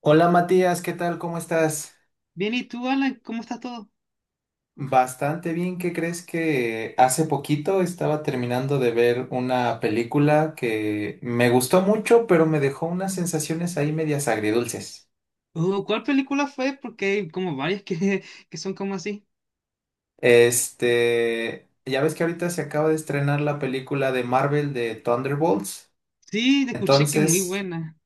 Hola Matías, ¿qué tal? ¿Cómo estás? Bien, ¿y tú, Alan? ¿Cómo estás todo? Bastante bien, ¿qué crees que hace poquito estaba terminando de ver una película que me gustó mucho, pero me dejó unas sensaciones ahí medias agridulces? Oh, ¿cuál película fue? Porque hay como varias que, que son como así. Ya ves que ahorita se acaba de estrenar la película de Marvel de Thunderbolts. Sí, te escuché que muy Entonces, buena.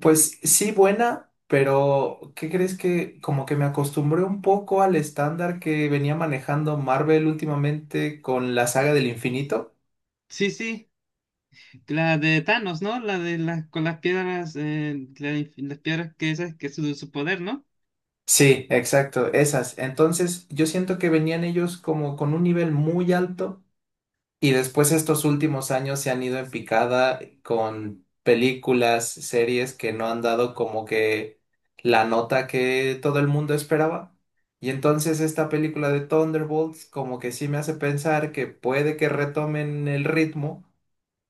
pues sí, buena, pero ¿qué crees que como que me acostumbré un poco al estándar que venía manejando Marvel últimamente con la saga del infinito? Sí, sí, la de Thanos, ¿no? La de las con las piedras, las piedras que esas que es su poder, ¿no? Sí, exacto, esas. Entonces, yo siento que venían ellos como con un nivel muy alto y después estos últimos años se han ido en picada con películas, series que no han dado como que la nota que todo el mundo esperaba. Y entonces esta película de Thunderbolts como que sí me hace pensar que puede que retomen el ritmo,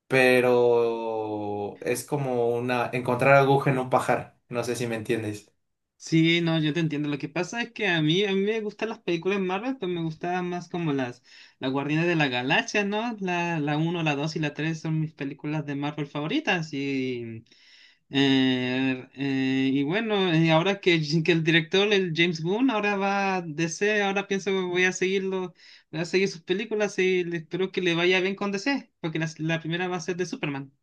pero es como una encontrar aguja en un pajar. No sé si me entiendes. Sí, no, yo te entiendo. Lo que pasa es que a mí me gustan las películas de Marvel, pero me gustaban más como las Guardianes de la Galaxia, ¿no? La 1, la 2 y la 3 son mis películas de Marvel favoritas y... Y bueno, ahora que el director, el James Gunn, ahora va a D C, ahora pienso que voy a seguirlo, voy a seguir sus películas y espero que le vaya bien con D C porque la primera va a ser de Superman.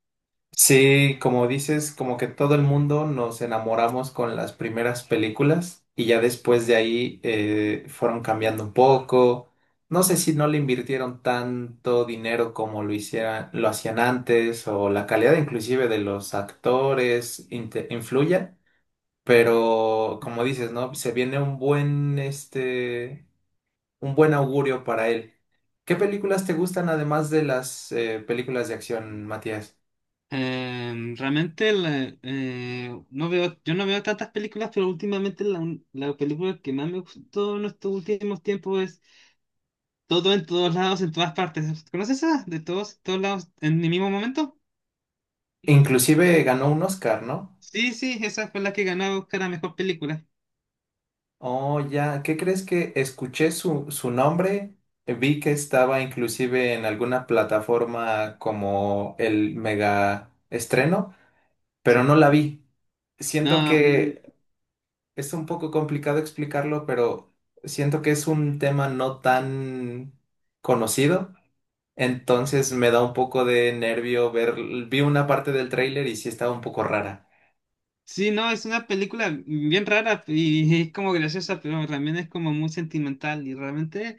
Sí, como dices, como que todo el mundo nos enamoramos con las primeras películas y ya después de ahí fueron cambiando un poco. No sé si no le invirtieron tanto dinero como lo hicieran, lo hacían antes o la calidad inclusive de los actores influya, pero como dices, ¿no? Se viene un buen, un buen augurio para él. ¿Qué películas te gustan además de las películas de acción, Matías? Realmente no veo, yo no veo tantas películas, pero últimamente la película que más me gustó en estos últimos tiempos es Todo en todos lados, en todas partes. ¿Conoces esa? De todos, todos lados, en el mismo momento. Inclusive ganó un Oscar, ¿no? Sí, sí, esa fue la que ganó a buscar a mejor película. Oh, ya, ¿qué crees que escuché su nombre? Vi que estaba inclusive en alguna plataforma como el mega estreno, pero no la vi. Siento No, que es un poco complicado explicarlo, pero siento que es un tema no tan conocido. Entonces me da un poco de nervio ver, vi una parte del tráiler y sí estaba un poco rara. sí, no, es una película bien rara y es como graciosa, pero también es como muy sentimental y realmente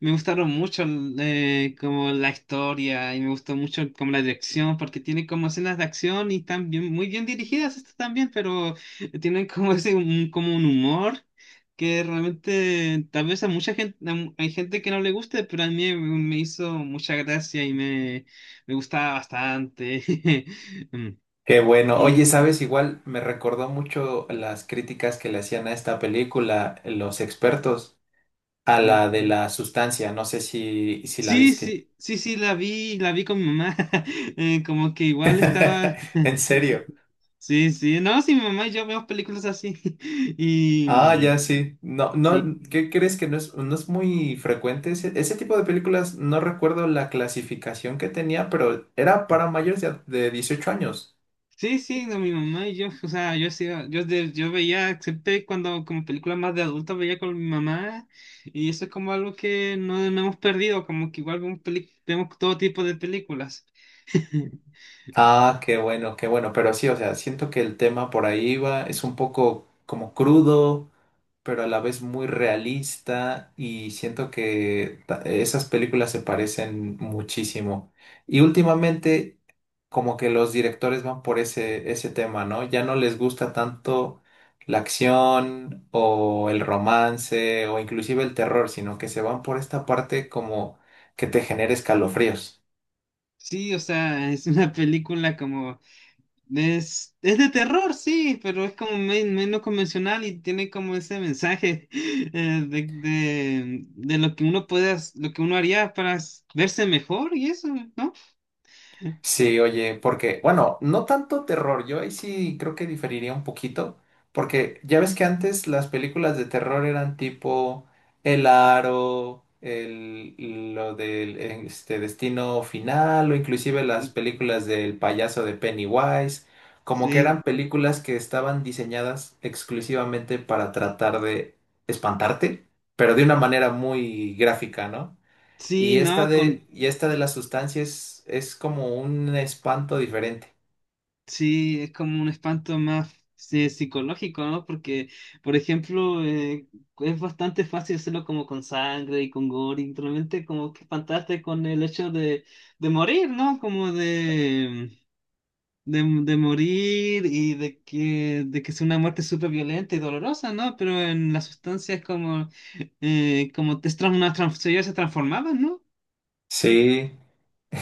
me gustaron mucho como la historia y me gustó mucho como la dirección porque tiene como escenas de acción y están muy bien dirigidas estas también, pero tienen como como un humor que realmente tal vez a mucha gente, hay gente que no le guste, pero a mí me hizo mucha gracia. Me gustaba bastante. Mm. Qué bueno. Y, Oye, sabes, igual me recordó mucho las críticas que le hacían a esta película los expertos, a mm, la de la sustancia. No sé si la sí, viste. sí, sí, sí, la vi con mi mamá. Como que igual estaba. En serio. Sí, sí. No, sí, mi mamá y yo vemos películas así. Ah, Y ya mm, sí. No, sí. no, ¿qué crees que no es, no es muy frecuente? Ese tipo de películas, no recuerdo la clasificación que tenía, pero era para mayores de 18 años. Sí, sí, no, mi mamá y yo, o sea, yo veía siempre cuando como películas más de adultos veía con mi mamá y eso es como algo que no, no hemos perdido, como que igual vemos todo tipo de películas. Ah, qué bueno, qué bueno. Pero sí, o sea, siento que el tema por ahí va, es un poco como crudo, pero a la vez muy realista y siento que esas películas se parecen muchísimo. Y últimamente como que los directores van por ese, ese tema, ¿no? Ya no les gusta tanto la acción o el romance o inclusive el terror, sino que se van por esta parte como que te genera escalofríos. Sí, o sea, es una película como... es de terror, sí, pero es como menos convencional y tiene como ese mensaje de lo que uno lo que uno haría para verse mejor y eso, ¿no? Sí, oye, porque, bueno, no tanto terror, yo ahí sí creo que diferiría un poquito, porque ya ves que antes las películas de terror eran tipo El Aro, el, lo del Destino Final, o inclusive las Sí, películas del payaso de Pennywise, como que sí, eran películas que estaban diseñadas exclusivamente para tratar de espantarte, pero de una manera muy gráfica, ¿no? sí, Y esta no, con, y esta de las sustancias es como un espanto diferente. sí, es como un espanto más sí, psicológico, ¿no? Porque, por ejemplo, es bastante fácil hacerlo como con sangre y con gore, y realmente como que espantaste con el hecho de morir, ¿no? Como de de morir y de de que sea una muerte súper violenta y dolorosa, ¿no? Pero en la sustancia es como, como te trans, una trans- ellos se transformaban, ¿no? Sí,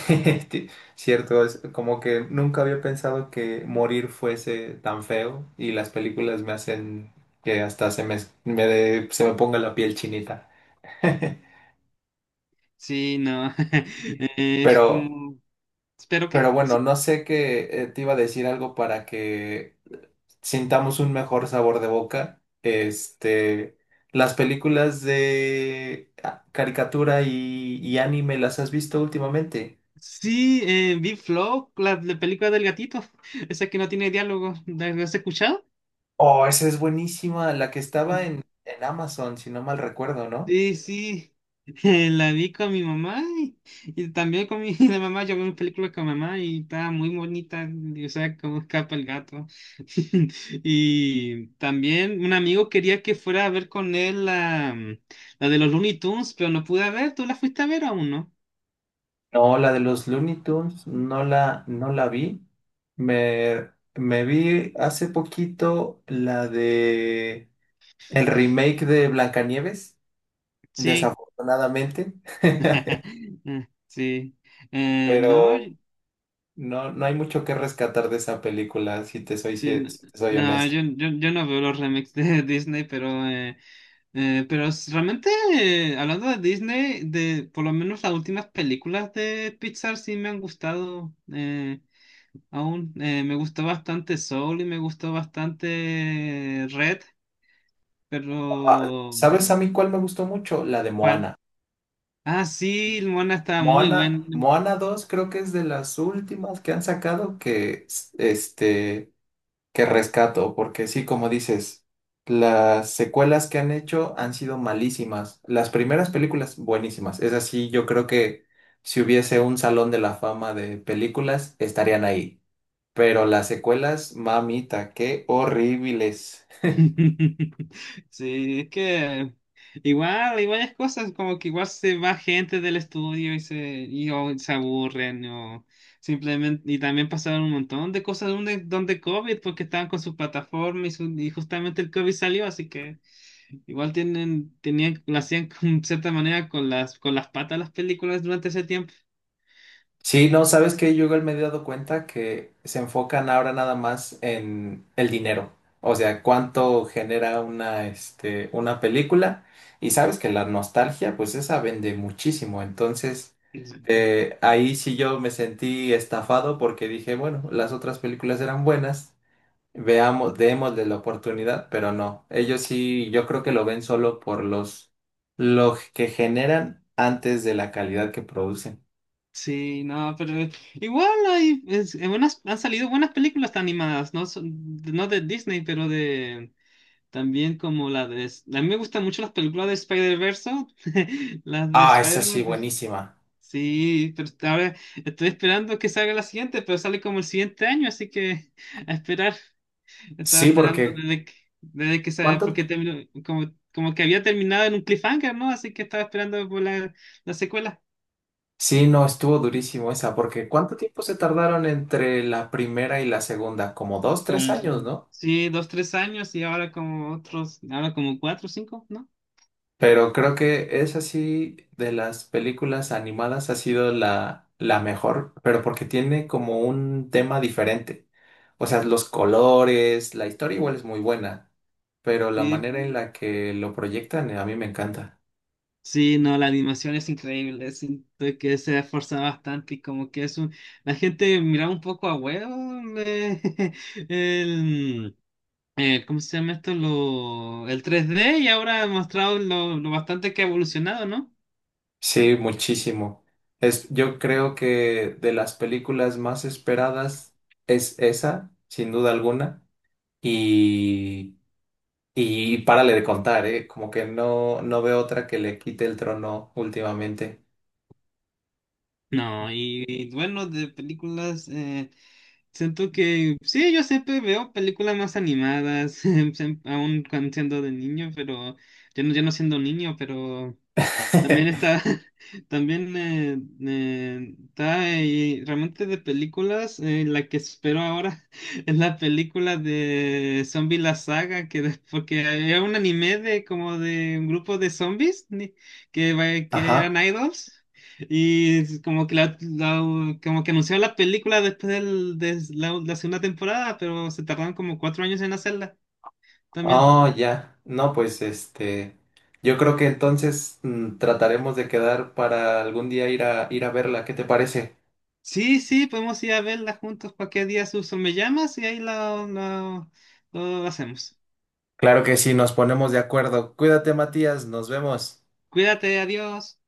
ti- cierto, es como que nunca había pensado que morir fuese tan feo y las películas me hacen que hasta se me ponga la piel chinita. Sí, no. Es Pero, como... ¿Pero pero qué? bueno, Sí, no sé qué te iba a decir algo para que sintamos un mejor sabor de boca. Las películas de caricatura y anime, ¿las has visto últimamente? sí vi Flow, la película del gatito, esa que no tiene diálogo. ¿La has escuchado? Oh, esa es buenísima, la que estaba en Amazon, si no mal recuerdo, ¿no? Sí, sí, la vi con mi mamá y también con mi la mamá. Yo vi una película con mamá y estaba muy bonita, y, o sea, cómo escapa el gato. Y también un amigo quería que fuera a ver con él la de los Looney Tunes, pero no pude ver. ¿Tú la fuiste a ver aún, no? No, la de los Looney Tunes, no la vi. Me vi hace poquito la de el remake de Blancanieves, Sí, desafortunadamente, sí. No. pero no, no hay mucho que rescatar de esa película, si te soy, Sí, si te soy no, honesto. Yo no veo los remakes de Disney, pero, realmente, hablando de Disney, de por lo menos las últimas películas de Pixar sí me han gustado aún. Me gustó bastante Soul y me gustó bastante Red, Ah, pero... ¿sabes a mí cuál me gustó mucho? La de ¿cuál? Moana. Ah, sí, Moana estaba muy Moana, buena. Moana dos creo que es de las últimas que han sacado que, que rescato, porque sí, como dices, las secuelas que han hecho han sido malísimas. Las primeras películas, buenísimas. Es así, yo creo que si hubiese un salón de la fama de películas, estarían ahí. Pero las secuelas, mamita, qué horribles. Sí, es que igual hay varias cosas, como que igual se va gente del estudio o se aburren, o simplemente, y también pasaron un montón de cosas donde, donde COVID, porque estaban con su plataforma y, y justamente el COVID salió, así que igual tenían, lo hacían con cierta manera con con las patas las películas durante ese tiempo. Sí, no, ¿sabes qué? Yo igual me he dado cuenta que se enfocan ahora nada más en el dinero. O sea, cuánto genera una, una película. Y sabes que la nostalgia, pues esa vende muchísimo. Entonces, ahí sí yo me sentí estafado porque dije, bueno, las otras películas eran buenas. Veamos, démosle la oportunidad, pero no. Ellos sí, yo creo que lo ven solo por los, lo que generan antes de la calidad que producen. Sí, no, pero igual hay es- en buenas- han salido buenas películas animadas, no, no de Disney, pero de también como la de... A mí me gustan mucho las películas de Spider-Verse, las de Ah, esa sí, Spider-Man. buenísima. Sí, pero ahora estoy esperando que salga la siguiente, pero sale como el siguiente año, así que a esperar. Estaba Sí, esperando porque desde ¿cuánto? porque terminó, como, como que había terminado en un cliffhanger, ¿no? Así que estaba esperando por la secuela. Sí, no, estuvo durísimo esa, porque ¿cuánto tiempo se tardaron entre la primera y la segunda? Como dos, tres Como, años, ¿no? sí, 2, 3 años y ahora como otros, ahora como 4, 5, ¿no? Pero creo que esa sí, de las películas animadas, ha sido la mejor, pero porque tiene como un tema diferente. O sea, los colores, la historia igual es muy buena, pero la Y manera en la que lo proyectan, a mí me encanta. sí, no, la animación es increíble, siento que se esfuerza bastante y como que es un... La gente mira un poco a huevo el... ¿cómo se llama esto? Lo, el 3D y ahora ha mostrado lo bastante que ha evolucionado, ¿no? Sí, muchísimo. Es, yo creo que de las películas más esperadas es esa, sin duda alguna. Y, y párale de contar, ¿eh? Como que no, no veo otra que le quite el trono últimamente. No, y bueno, de películas... siento que sí, yo siempre veo películas más animadas, aún cuando siendo de niño, pero yo no siendo niño, pero también está, también está realmente de películas, la que espero ahora es la película de Zombie la saga, porque era un anime de como de un grupo de zombies ni- que, que eran Ajá. idols y es como que como que anunciaron la película de la segunda temporada, pero se tardaron como 4 años en hacerla también. Oh, ya. No, pues este. Yo creo que entonces trataremos de quedar para algún día ir a verla. ¿Qué te parece? Sí, sí, podemos ir a verla juntos cualquier día, Suso. Me llamas y ahí lo hacemos. Claro que sí, nos ponemos de acuerdo. Cuídate, Matías, nos vemos. Cuídate, adiós.